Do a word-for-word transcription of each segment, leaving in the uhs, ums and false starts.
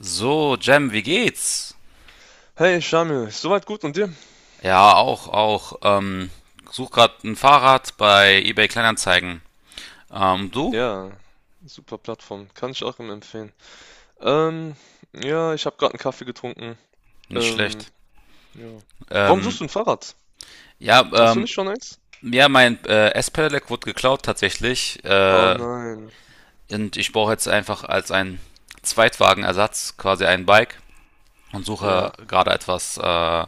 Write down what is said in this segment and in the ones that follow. So, Jem, wie geht's? Hey Shamil, soweit gut und dir? Ja, auch, auch. Ähm, such grad ein Fahrrad bei eBay Kleinanzeigen. Ähm, du? Ja, super Plattform, kann ich auch immer empfehlen. Ähm, ja, ich habe gerade einen Kaffee getrunken. Nicht Ähm, schlecht. ja. Warum Ähm, suchst du ein Fahrrad? ja, Hast du ähm, nicht schon eins? ja, mein äh, S-Pedelec wurde geklaut tatsächlich. Oh Äh, nein. Und ich brauche jetzt einfach als ein Zweitwagenersatz quasi ein Bike und suche Ja, gerade etwas, äh,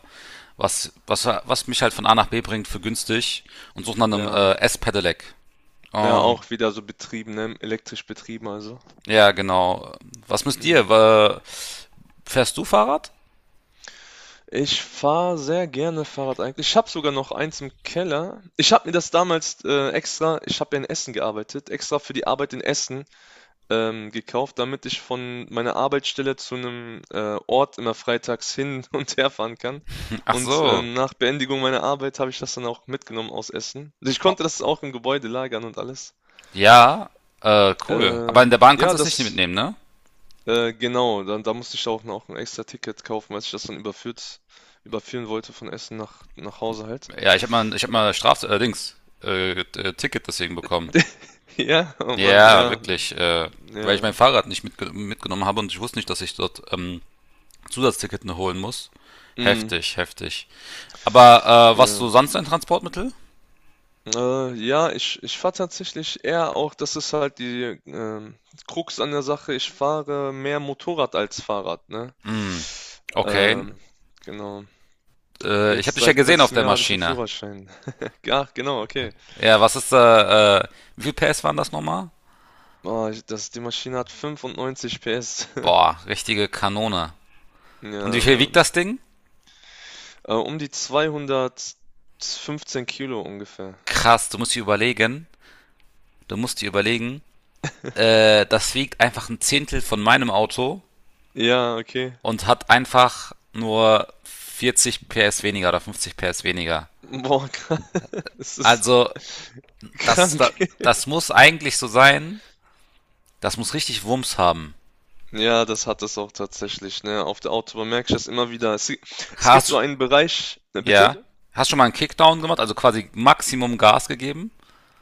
was, was, was mich halt von A nach B bringt für günstig und suche nach einem ja. äh, S-Pedelec. Ja, Ähm, auch wieder so betrieben, ne? Elektrisch betrieben also. Ja, genau. Was müsst Mm. ihr? Wa- Fährst du Fahrrad? Ich fahre sehr gerne Fahrrad eigentlich. Ich habe sogar noch eins im Keller. Ich habe mir das damals äh, extra, ich habe ja in Essen gearbeitet, extra für die Arbeit in Essen ähm, gekauft, damit ich von meiner Arbeitsstelle zu einem äh, Ort immer freitags hin und her fahren kann. Ach Und äh, so. nach Beendigung meiner Arbeit habe ich das dann auch mitgenommen aus Essen. Also ich Oh, konnte das auch im Gebäude lagern und alles. Ja, äh, cool. Aber in Ähm, der Bahn kannst ja, du es nicht das, mitnehmen, ne? äh, genau, dann, da musste ich auch noch ein extra Ticket kaufen, als ich das dann überführt, überführen wollte von Essen nach, nach Hause halt. Ja, ich hab mal, ich hab mal Straf, äh, Dings, äh, äh, Ticket deswegen bekommen. Ja, oh Mann, Ja, ja, wirklich, äh, weil ich ja, mein Fahrrad nicht mitge mitgenommen habe und ich wusste nicht, dass ich dort ähm, Zusatzticket noch holen muss. mm, Heftig, heftig. Aber äh, was ja. so sonst ein Transportmittel? Äh, ja, ich ich fahre tatsächlich eher, auch das ist halt die ähm, Krux an der Sache, ich fahre mehr Motorrad als Fahrrad, ne? Hm, okay. Ähm, genau. Äh, ich habe Jetzt dich ja seit gesehen auf letztem der Jahr habe ich einen Maschine. Führerschein. Ach, genau, okay. Ja, was ist da, äh, wie viel P S waren das nochmal? Oh, ich das die Maschine hat fünfundneunzig P S. Boah, richtige Kanone. Und wie Ja, viel wiegt ähm, das Ding? äh, um die zweihundertfünfzehn Kilo ungefähr. Krass, du musst dir überlegen, du musst dir überlegen, äh, das wiegt einfach ein Zehntel von meinem Auto Ja, okay. und hat einfach nur vierzig P S weniger oder fünfzig P S weniger. Boah, kr das ist Also, das, das, krank. das muss eigentlich so sein, das muss richtig Wumms haben. Ja, das hat es auch tatsächlich, ne? Auf der Autobahn merke ich das immer wieder. Es, gi- es gibt so Hast, einen Bereich, äh, bitte? ja, hast schon mal einen Kickdown gemacht, also quasi Maximum Gas gegeben?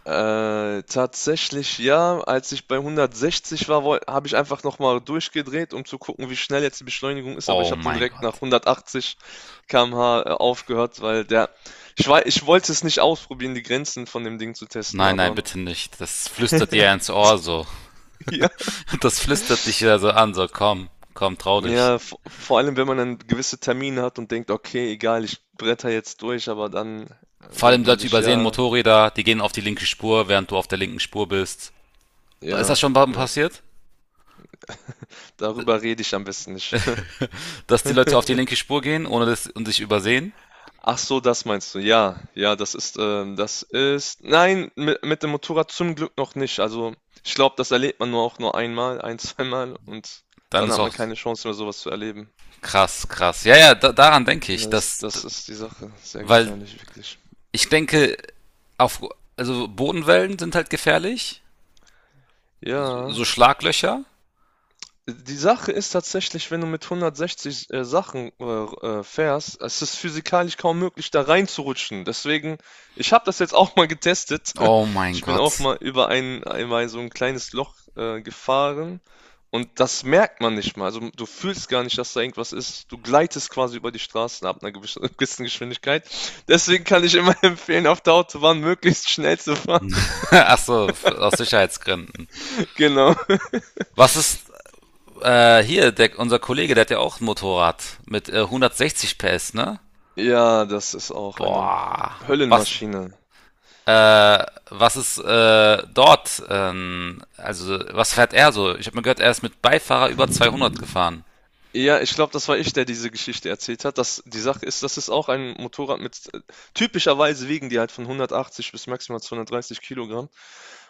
Äh, tatsächlich ja, als ich bei hundertsechzig war, habe ich einfach nochmal durchgedreht, um zu gucken, wie schnell jetzt die Beschleunigung ist, aber ich Oh habe dann mein direkt nach Gott. hundertachtzig Kilometer pro Stunde äh, aufgehört, weil der, ich war, ich wollte es nicht ausprobieren, die Grenzen von dem Ding zu testen, Nein, nein, aber bitte nicht. Das flüstert dir ins Ohr so. ja, Das flüstert dich ja so an, so komm, komm, trau dich. ja, v- vor allem wenn man dann gewisse Termine hat und denkt: Okay, egal, ich bretter jetzt durch, aber dann äh, Vor allem denkt man Leute sich, übersehen ja. Motorräder, die gehen auf die linke Spur, während du auf der linken Spur bist. Ist Ja, das schon mal ja. passiert? Darüber rede ich am besten nicht. Dass die Leute auf die linke Spur gehen ohne das, und sich übersehen? Ach so, das meinst du. Ja, ja, das ist, ähm, das ist, nein, mit, mit dem Motorrad zum Glück noch nicht. Also, ich glaube, das erlebt man nur auch nur einmal, ein, zweimal und Dann dann ist hat man auch keine Chance mehr, sowas zu erleben. krass, krass. Ja, ja, da, daran denke ich. Das, Dass, das ist die Sache. Sehr weil gefährlich, wirklich. ich denke, auf, also Bodenwellen sind halt gefährlich. Ja. So Schlaglöcher. Die Sache ist tatsächlich, wenn du mit hundertsechzig äh, Sachen äh, äh, fährst, es ist physikalisch kaum möglich, da reinzurutschen. Deswegen, ich habe das jetzt auch mal getestet. Oh mein Ich bin auch Gott. mal über ein, einmal so ein kleines Loch äh, gefahren und das merkt man nicht mal. Also du fühlst gar nicht, dass da irgendwas ist. Du gleitest quasi über die Straßen ab einer gewissen gewissen Geschwindigkeit. Deswegen kann ich immer empfehlen, auf der Autobahn möglichst schnell zu fahren. Ach so, aus Sicherheitsgründen. Genau. Was ist Äh, hier, der, unser Kollege, der hat ja auch ein Motorrad mit äh, hundertsechzig P S, ne? Ja, das ist auch eine Boah. Was, Höllenmaschine. äh, was ist äh, dort? Ähm, also, was fährt er so? Ich habe mir gehört, er ist mit Beifahrer über zweihundert gefahren. Ja, ich glaube, das war ich, der diese Geschichte erzählt hat. Das, die Sache ist, das ist auch ein Motorrad mit, äh, typischerweise wiegen die halt von hundertachtzig bis maximal zweihundertdreißig Kilogramm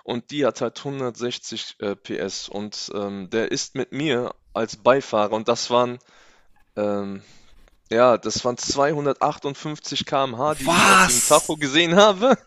und die hat halt hundertsechzig äh, P S und ähm, der ist mit mir als Beifahrer und das waren, ähm, ja, das waren zweihundertachtundfünfzig Kilometer pro Stunde, die ich auf dem Was? Tacho gesehen habe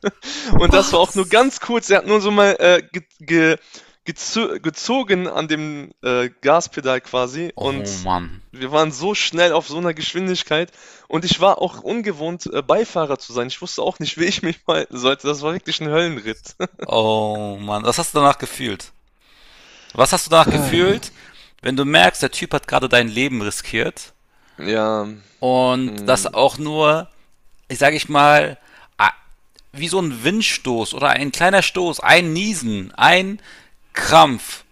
und das war auch nur Was? ganz kurz. Er hat nur so mal äh, ge ge gezo gezogen an dem äh, Gaspedal quasi. Oh Und Mann. wir waren so schnell auf so einer Geschwindigkeit. Und ich war auch ungewohnt, äh, Beifahrer zu sein. Ich wusste auch nicht, wie ich mich verhalten sollte. Das war wirklich ein Höllenritt. Oh Mann. Was hast du danach gefühlt? Was hast du danach gefühlt, wenn du merkst, der Typ hat gerade dein Leben riskiert Ja. und das Mm, auch nur, ich sage ich mal, a- wie so ein Windstoß oder ein kleiner Stoß, ein Niesen, ein Krampf,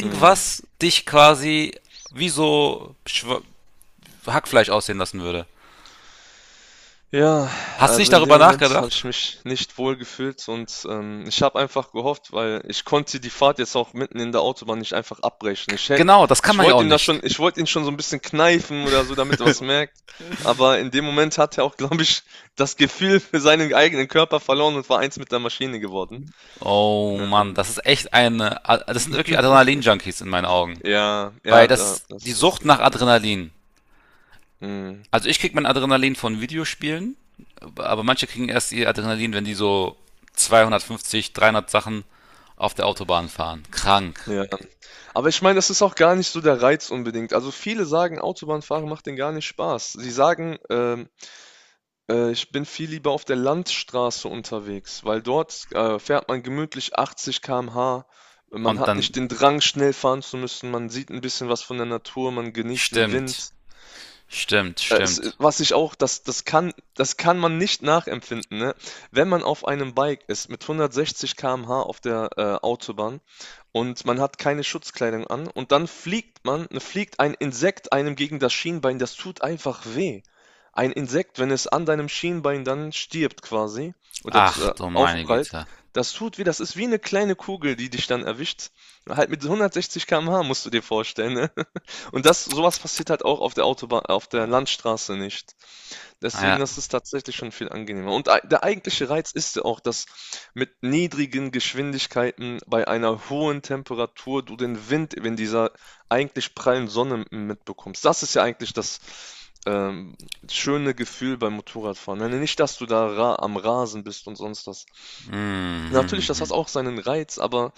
mm. dich quasi wie so Hackfleisch aussehen lassen würde. Ja, Hast du nicht also in dem darüber Moment habe nachgedacht? ich mich nicht wohl gefühlt und ähm, ich habe einfach gehofft, weil ich konnte die Fahrt jetzt auch mitten in der Autobahn nicht einfach abbrechen. Ich hätte, Genau, das kann Ich man ja wollte auch ihm da schon, nicht. ich wollte ihn schon so ein bisschen kneifen oder so, damit er was merkt. Aber in dem Moment hat er auch, glaube ich, das Gefühl für seinen eigenen Körper verloren und war eins mit der Maschine geworden. Oh Mann, Ähm, das ist echt eine, das sind wirklich Adrenalin-Junkies in meinen Augen. ja, Weil ja, das da, ist die das, das ist Sucht die nach Sache. Adrenalin. Ja. Mhm. Also ich krieg mein Adrenalin von Videospielen, aber manche kriegen erst ihr Adrenalin, wenn die so zweihundertfünfzig, dreihundert Sachen auf der Autobahn fahren. Krank. Ja, aber ich meine, das ist auch gar nicht so der Reiz unbedingt. Also viele sagen, Autobahnfahren macht denen gar nicht Spaß. Sie sagen, ähm, Äh, ich bin viel lieber auf der Landstraße unterwegs, weil dort äh, fährt man gemütlich achtzig Kilometer pro Stunde. Man Und hat nicht dann. den Drang, schnell fahren zu müssen. Man sieht ein bisschen was von der Natur, man genießt den Stimmt. Wind. Stimmt, Äh, Es, äh, stimmt. Was ich auch, das, das kann, das kann man nicht nachempfinden, ne? Wenn man auf einem Bike ist mit hundertsechzig Kilometer pro Stunde auf der äh, Autobahn und man hat keine Schutzkleidung an und dann fliegt man, ne, fliegt ein Insekt einem gegen das Schienbein, das tut einfach weh. Ein Insekt, wenn es an deinem Schienbein dann stirbt quasi oder zu- Ach äh, du meine aufprallt, Güte. das tut weh, das ist wie eine kleine Kugel, die dich dann erwischt. Halt mit hundertsechzig Kilometer pro Stunde musst du dir vorstellen, ne? Und das sowas passiert halt auch auf der Autobahn auf der Ah, Landstraße nicht. ja. Deswegen, das ist tatsächlich schon viel angenehmer. Und ei der eigentliche Reiz ist ja auch, dass mit niedrigen Geschwindigkeiten bei einer hohen Temperatur du den Wind, wenn dieser eigentlich prallen Sonne m mitbekommst. Das ist ja eigentlich das ähm, schöne Gefühl beim Motorradfahren. Ne, nicht, dass du da ra am Rasen bist und sonst was. Natürlich, das hat Mhm. auch seinen Reiz, aber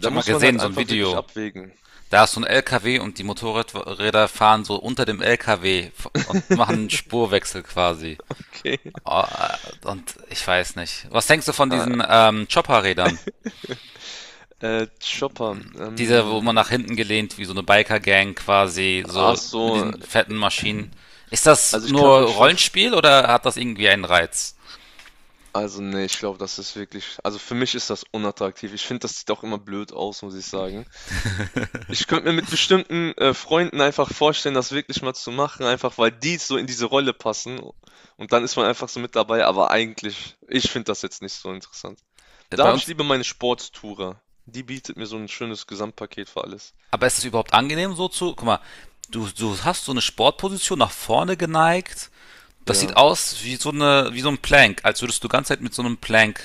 Ich habe mal muss man gesehen, halt so ein einfach wirklich Video. abwägen. Da ist so ein L K W und die Motorräder fahren so unter dem L K W und machen einen Spurwechsel quasi. Okay. Oh, äh, Und ich weiß nicht. Was denkst du von Ah, diesen ähm, Chopper-Rädern? Äh, Chopper, Diese, wo man nach ähm, hinten gelehnt, wie so eine Biker-Gang quasi, ach so mit so, diesen fetten Maschinen. Ist das also ich kann nur mich schon, f- Rollenspiel oder hat das irgendwie einen Reiz? also nee, ich glaube, das ist wirklich, also für mich ist das unattraktiv. Ich finde, das sieht auch immer blöd aus, muss ich sagen. Ich könnte mir mit bestimmten äh, Freunden einfach vorstellen, das wirklich mal zu machen, einfach weil die so in diese Rolle passen und dann ist man einfach so mit dabei, aber eigentlich, ich finde das jetzt nicht so interessant. Da Bei habe ich uns. lieber meine Sporttourer. Die bietet mir so ein schönes Gesamtpaket für alles. Aber ist es überhaupt angenehm so zu, guck mal, du, du hast so eine Sportposition nach vorne geneigt. Das sieht Ja. aus wie so eine, wie so ein Plank, als würdest du die ganze Zeit mit so einem Plank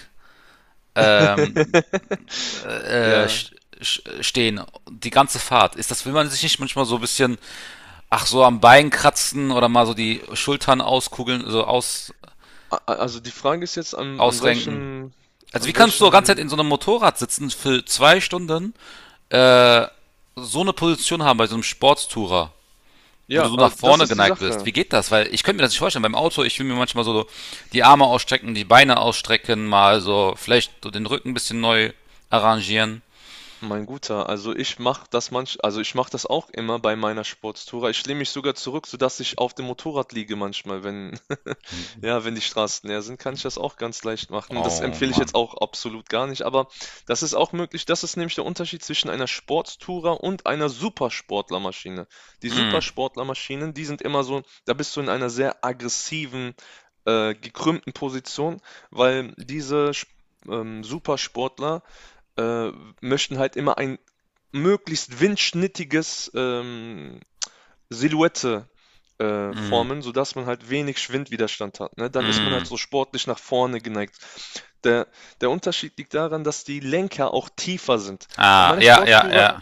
ähm, äh, Ja. stehen. Die ganze Fahrt. Ist das, will man sich nicht manchmal so ein bisschen, ach so am Bein kratzen oder mal so die Schultern auskugeln, so aus, A a Also die Frage ist jetzt, an an ausrenken? welchem Also wie an kannst du die ganze Zeit welchem in so einem Motorrad sitzen für zwei Stunden, äh, so eine Position haben bei so einem Sportstourer? wo ja, du so nach äh, das vorne ist die geneigt bist. Sache. Wie geht das? Weil ich könnte mir das nicht vorstellen. Beim Auto, ich will mir manchmal so die Arme ausstrecken, die Beine ausstrecken, mal so vielleicht so den Rücken ein bisschen neu arrangieren. Mein Guter, also ich mache das manch, also ich mache das auch immer bei meiner Sportstour. Ich lehne mich sogar zurück, sodass ich auf dem Motorrad liege manchmal, wenn, Hm. ja, wenn die Straßen leer sind, kann ich das auch ganz leicht machen. Das Oh empfehle ich jetzt Mann. auch absolut gar nicht, aber das ist auch möglich. Das ist nämlich der Unterschied zwischen einer Sporttourer und einer Supersportlermaschine. Die Hm, Supersportlermaschinen, die sind immer so, da bist du in einer sehr aggressiven, äh, gekrümmten Position, weil diese Sp- ähm, Supersportler äh, möchten halt immer ein möglichst windschnittiges ähm, Silhouette äh, hm, formen, sodass man halt wenig Schwindwiderstand hat. Ne? Dann ist man halt hm. so sportlich nach vorne geneigt. Der, der Unterschied liegt daran, dass die Lenker auch tiefer sind. Bei Ah, meiner ja, ja, Sportstourer ja.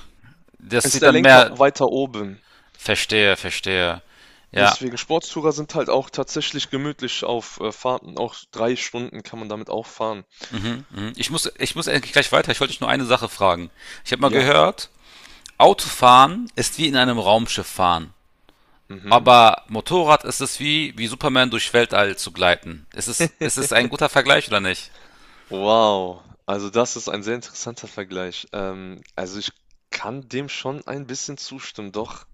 Das ist sieht der dann Lenker mehr. weiter oben. Verstehe, verstehe. Ja. Deswegen Sportstourer sind halt auch tatsächlich gemütlich auf äh, Fahrten. Auch drei Stunden kann man damit auch fahren. Mhm, mhm. Ich muss, ich muss eigentlich gleich weiter. Ich wollte dich nur eine Sache fragen. Ich habe mal Ja. gehört, Autofahren ist wie in einem Raumschiff fahren. Mhm. Aber Motorrad ist es wie, wie Superman durch Weltall zu gleiten. Ist es, ist es ein guter Vergleich oder nicht? Wow, also das ist ein sehr interessanter Vergleich. Ähm, also ich kann dem schon ein bisschen zustimmen, doch.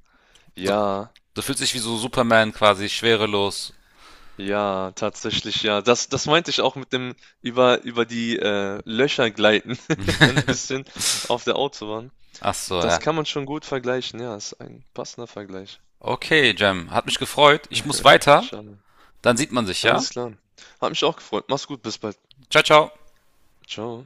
Du, Ja, du fühlst dich wie so Superman quasi, schwerelos. ja, tatsächlich ja. Das, das meinte ich auch mit dem über, über die äh, Löcher gleiten, ein bisschen auf der Autobahn. Ach so, Das ja. kann man schon gut vergleichen, ja, ist ein passender Vergleich. Okay, Jem, hat mich gefreut. Ich muss weiter. Schade. Dann sieht man sich, ja? Alles klar. Hat mich auch gefreut. Mach's gut, bis bald. Ciao, ciao. Ciao.